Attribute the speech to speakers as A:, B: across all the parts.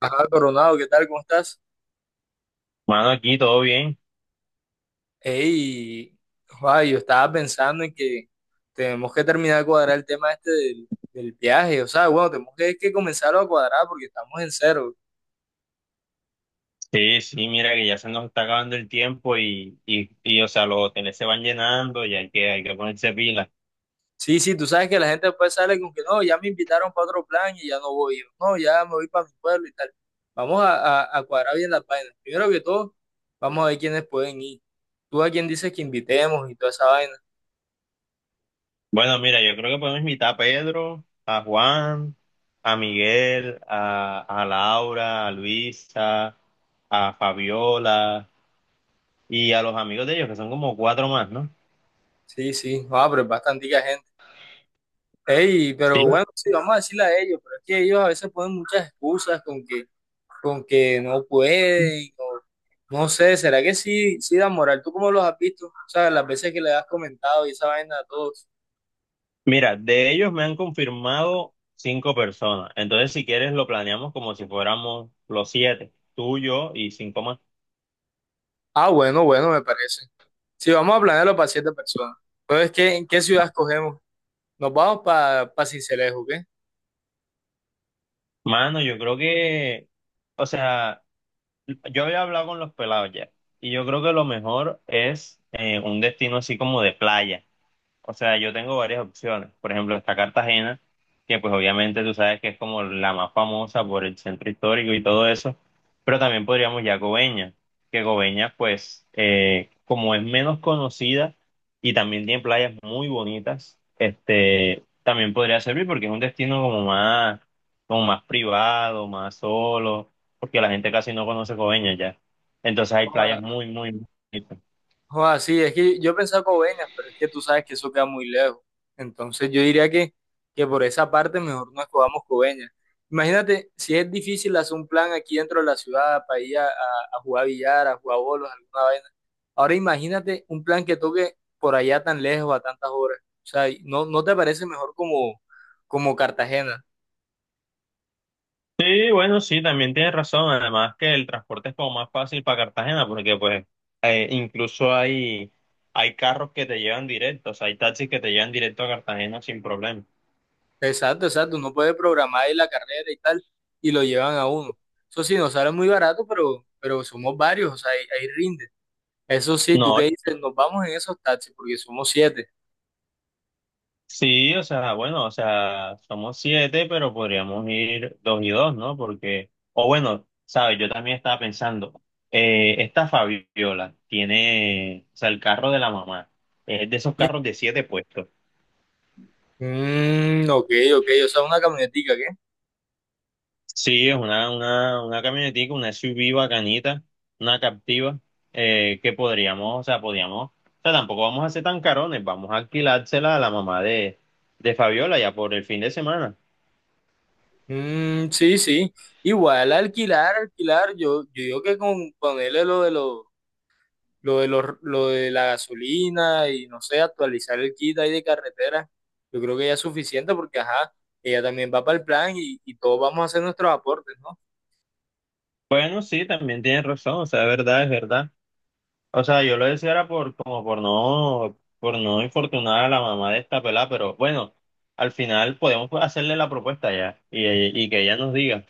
A: Ajá, Coronado, ¿qué tal? ¿Cómo estás?
B: Mano, aquí todo bien.
A: Ey, joa, yo estaba pensando en que tenemos que terminar de cuadrar el tema este del viaje, o sea, bueno, tenemos que comenzarlo a cuadrar porque estamos en cero.
B: Sí, sí, mira que ya se nos está acabando el tiempo y o sea, los hoteles se van llenando y hay que ponerse pilas.
A: Sí, sí, tú sabes que la gente después sale con que no, ya me invitaron para otro plan y ya no voy, no, ya me voy para mi pueblo y tal. Vamos a cuadrar bien las vainas. Primero que todo, vamos a ver quiénes pueden ir. Tú a quién dices que invitemos y toda esa vaina.
B: Bueno, mira, yo creo que podemos invitar a Pedro, a Juan, a Miguel, a Laura, a Luisa, a Fabiola y a los amigos de ellos, que son como cuatro más, ¿no?
A: Sí, sí, joa, pero es bastante gente. Ey,
B: Sí.
A: pero bueno, sí, vamos a decirle a ellos, pero es que ellos a veces ponen muchas excusas con que no pueden, o no no sé, ¿será que sí, sí dan moral? ¿Tú cómo los has visto? O sea, las veces que le has comentado y esa vaina a todos.
B: Mira, de ellos me han confirmado cinco personas. Entonces, si quieres, lo planeamos como si fuéramos los siete, tú, yo y cinco más.
A: Ah, bueno, bueno, me parece. Si vamos a planearlo para siete personas. Entonces, ¿en qué ciudad escogemos? ¿Nos vamos para Sincelejo, qué?
B: Mano, yo creo que, o sea, yo había hablado con los pelados ya, y yo creo que lo mejor es un destino así como de playa. O sea, yo tengo varias opciones. Por ejemplo, está Cartagena, que pues obviamente tú sabes que es como la más famosa por el centro histórico y todo eso, pero también podríamos ir Coveñas, que Coveñas pues como es menos conocida y también tiene playas muy bonitas, este, también podría servir porque es un destino como más privado, más solo, porque la gente casi no conoce Coveñas ya. Entonces hay playas muy, muy bonitas.
A: Joder, sí, es que yo pensaba Coveñas, pero es que tú sabes que eso queda muy lejos. Entonces yo diría que por esa parte mejor no escogamos Coveñas. Imagínate, si es difícil hacer un plan aquí dentro de la ciudad para ir a jugar billar, a jugar bolos, alguna vaina. Ahora imagínate un plan que toque por allá tan lejos, a tantas horas. O sea, y ¿no te parece mejor como Cartagena?
B: Sí, bueno, sí, también tienes razón. Además que el transporte es como más fácil para Cartagena porque pues incluso hay carros que te llevan directo, o sea, hay taxis que te llevan directo a Cartagena sin problema.
A: Exacto, exacto. Uno puede programar ahí la carrera y tal, y lo llevan a uno. Eso sí, nos sale muy barato, pero somos varios, o sea, ahí rinde. Eso sí, tú
B: No,
A: qué dices, nos vamos en esos taxis porque somos siete.
B: sí, o sea, bueno, o sea, somos siete, pero podríamos ir dos y dos, ¿no? Porque, o bueno, sabes, yo también estaba pensando, esta Fabiola tiene, o sea, el carro de la mamá, es de esos carros
A: Sí.
B: de siete puestos.
A: Mm, ok, ok, o sea, una camionetica, ¿qué?
B: Sí, es una camionetica, una SUV bacanita, una captiva, que podríamos, o sea, tampoco vamos a ser tan carones, vamos a alquilársela a la mamá de Fabiola ya por el fin de semana.
A: Mm, sí, sí. Igual alquilar, yo digo que con ponerle lo de los, lo de los, lo de la gasolina y no sé, actualizar el kit ahí de carretera, yo creo que ya es suficiente porque ajá, ella también va para el plan y todos vamos a hacer nuestros aportes, ¿no?
B: Bueno, sí, también tienes razón, o sea, es verdad, es verdad. O sea, yo lo decía era como por no infortunar a la mamá de esta pelada, pero bueno, al final podemos hacerle la propuesta ya y que ella nos diga.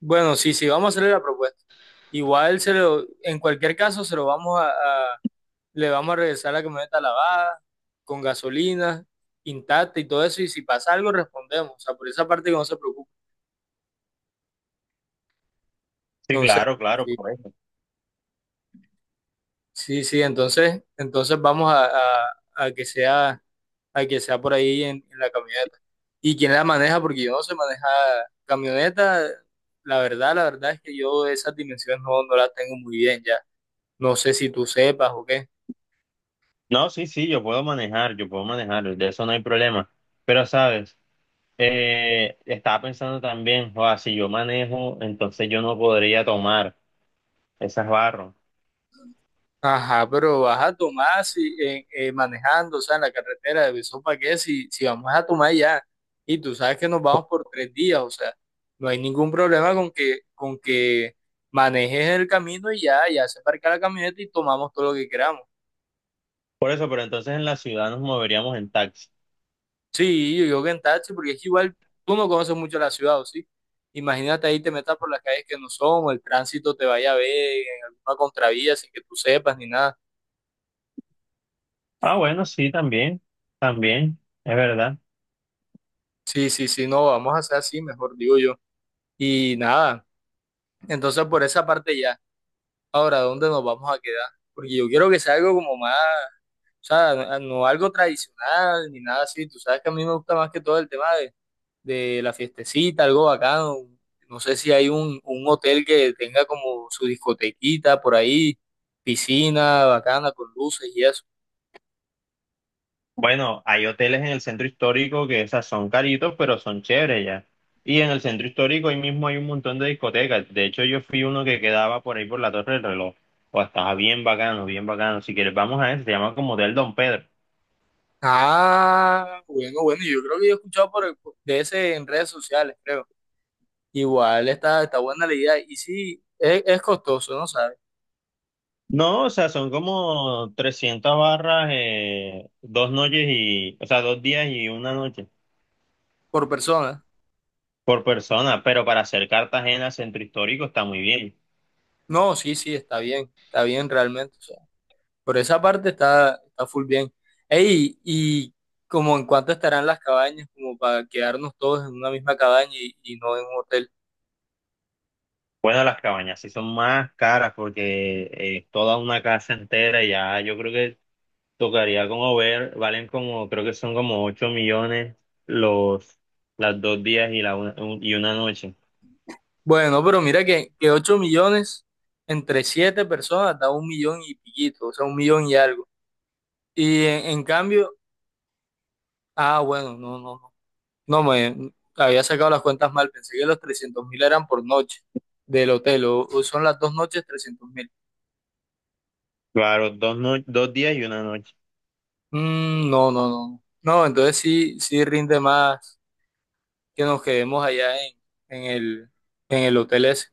A: Bueno, sí, sí, vamos a hacerle la propuesta. Igual en cualquier caso se lo vamos a le vamos a regresar la camioneta lavada, con gasolina, intacta y todo eso, y si pasa algo respondemos, o sea, por esa parte que no se preocupe.
B: Sí,
A: Entonces,
B: claro, claro.
A: sí, sí, sí, entonces vamos a que sea por ahí en la camioneta. ¿Y quién la maneja? Porque yo no sé manejar camioneta, la verdad es que yo esas dimensiones no las tengo muy bien ya. No sé si tú sepas o qué.
B: No, sí, sí, yo puedo manejar, de eso no hay problema. Pero, ¿sabes? Estaba pensando también, o si yo manejo, entonces yo no podría tomar esas barras.
A: Ajá, pero vas a tomar si, manejando, o sea, en la carretera de Besó para ¿qué? Si vamos a tomar ya, y tú sabes que nos
B: Por,
A: vamos por 3 días, o sea, no hay ningún problema con que manejes el camino y ya, ya se parca la camioneta y tomamos todo lo que queramos.
B: por eso, pero entonces en la ciudad nos moveríamos en taxi.
A: Sí, yo digo que en taxi, porque es que igual tú no conoces mucho la ciudad, ¿o sí? Imagínate ahí te metas por las calles que no son, o el tránsito te vaya a ver en alguna contravía sin que tú sepas ni nada.
B: Ah, bueno, sí, también, también, es verdad.
A: Sí, sí, sí, no, vamos a hacer así, mejor digo yo. Y nada. Entonces, por esa parte ya. Ahora, ¿dónde nos vamos a quedar? Porque yo quiero que sea algo como más, o sea, no, no algo tradicional ni nada así. Tú sabes que a mí me gusta más que todo el tema de la fiestecita, algo bacano. No sé si hay un hotel que tenga como su discotequita por ahí, piscina bacana con luces y eso.
B: Bueno, hay hoteles en el centro histórico que esas son caritos, pero son chéveres ya. Y en el centro histórico ahí mismo hay un montón de discotecas. De hecho, yo fui uno que quedaba por ahí por la Torre del Reloj. O estaba bien bacano, bien bacano. Si quieres, vamos a ese. Se llama como Hotel Don Pedro.
A: Ah, bueno, bueno, yo creo que yo he escuchado de ese en redes sociales, creo. Igual está buena la idea. Y sí, es costoso, ¿no sabes?
B: No, o sea, son como 300 barras, 2 noches y, o sea, 2 días y 1 noche
A: Por persona.
B: por persona. Pero para hacer Cartagena centro histórico está muy bien.
A: No, sí, sí, está bien realmente. O sea, por esa parte está full bien. Ey, y como en cuánto estarán las cabañas, como para quedarnos todos en una misma cabaña y no en un hotel.
B: Bueno, las cabañas sí son más caras porque toda una casa entera ya yo creo que tocaría como ver, valen como, creo que son como 8 millones los, las 2 días y 1 noche.
A: Bueno, pero mira que 8 millones entre 7 personas da 1 millón y piquito, o sea, 1 millón y algo. Y en cambio, ah, bueno, no, no, no, no me había sacado las cuentas mal, pensé que los 300.000 eran por noche del hotel, o son las 2 noches 300.000.
B: Claro, dos, no- 2 días y 1 noche.
A: Mm, no, no, no. No, entonces sí, sí rinde más que nos quedemos allá en el, en el hotel ese.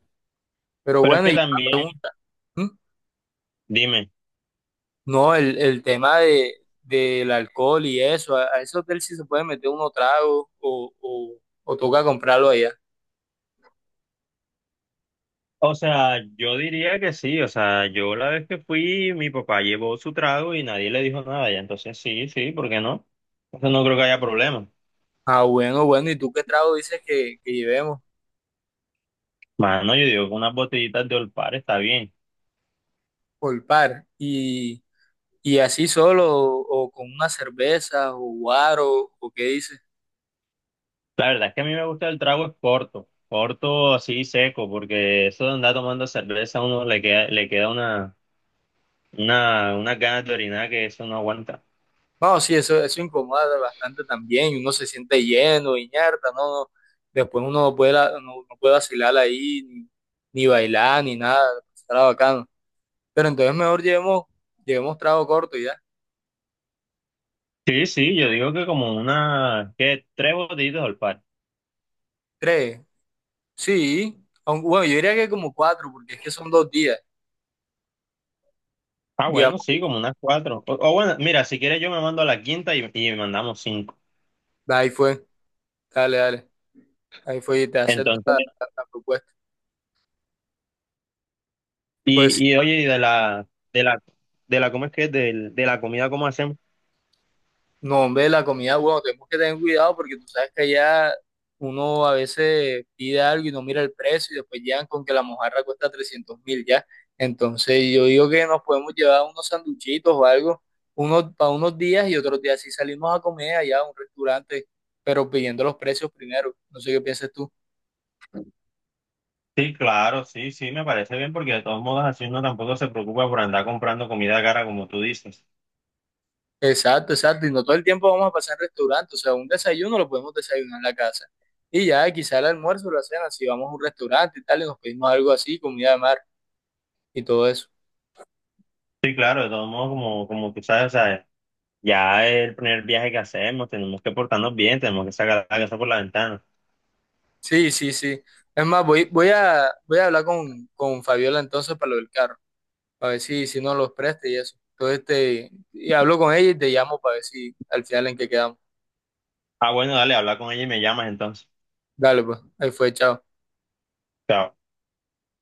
A: Pero
B: Pero es
A: bueno, y
B: que
A: una
B: también,
A: pregunta. ¿Mm?
B: dime,
A: No, el tema del alcohol y eso, a ese hotel sí se puede meter uno trago o toca comprarlo allá.
B: o sea, yo diría que sí, o sea, yo la vez que fui, mi papá llevó su trago y nadie le dijo nada, ya entonces sí, sí, ¿por qué no? Entonces no creo que haya problema.
A: Ah, bueno, bueno, ¿y tú qué trago dices que llevemos
B: Mano, yo digo que unas botellitas de Olpar está bien.
A: por par? ¿Y así solo o con una cerveza o guaro o qué dices?
B: La verdad es que a mí me gusta el trago es corto, corto así seco, porque eso de andar tomando cerveza a uno le queda unas ganas de orinar que eso no aguanta.
A: No, sí, eso incomoda bastante también, y uno se siente lleno, inerta, no, no, después uno no puede, no puede vacilar ahí, ni bailar, ni nada, estará bacano. Pero entonces mejor llevemos trago corto ya.
B: Sí, sí, yo digo que como una, que tres botellitos al par.
A: Tres, sí, aunque, bueno, yo diría que como cuatro, porque es que son 2 días,
B: Ah, bueno,
A: digamos,
B: sí, como unas cuatro. O bueno, mira, si quieres yo me mando a la quinta y mandamos cinco.
A: ahí fue, dale, dale, ahí fue y te acepto
B: Entonces,
A: la propuesta. Pues
B: y oye, de la, ¿cómo es que? Es? Del- De, la comida, ¿cómo hacemos?
A: no, hombre, la comida, bueno, tenemos que tener cuidado porque tú sabes que allá uno a veces pide algo y no mira el precio y después llegan con que la mojarra cuesta 300.000 ya. Entonces yo digo que nos podemos llevar unos sanduchitos o algo, unos para unos días y otros días sí salimos a comer allá a un restaurante, pero pidiendo los precios primero. No sé qué piensas tú.
B: Sí, claro, sí, sí, me parece bien porque de todos modos así uno tampoco se preocupa por andar comprando comida cara como tú dices.
A: Exacto, exacto. Y no todo el tiempo vamos a pasar en restaurante. O sea, un desayuno lo podemos desayunar en la casa. Y ya quizá el almuerzo o la cena, si vamos a un restaurante y tal, y nos pedimos algo así, comida de mar. Y todo eso.
B: Sí, claro, de todos modos como tú sabes, o sea, ya es el primer viaje que hacemos, tenemos que portarnos bien, tenemos que sacar la casa por la ventana.
A: Sí, sí, sí. Es más, voy a hablar con Fabiola entonces para lo del carro, para ver si nos los presta y eso. Entonces, y hablo con ella y te llamo para ver si al final en qué quedamos.
B: Ah, bueno, dale, habla con ella y me llamas entonces.
A: Dale, pues, ahí fue, chao.
B: Chao.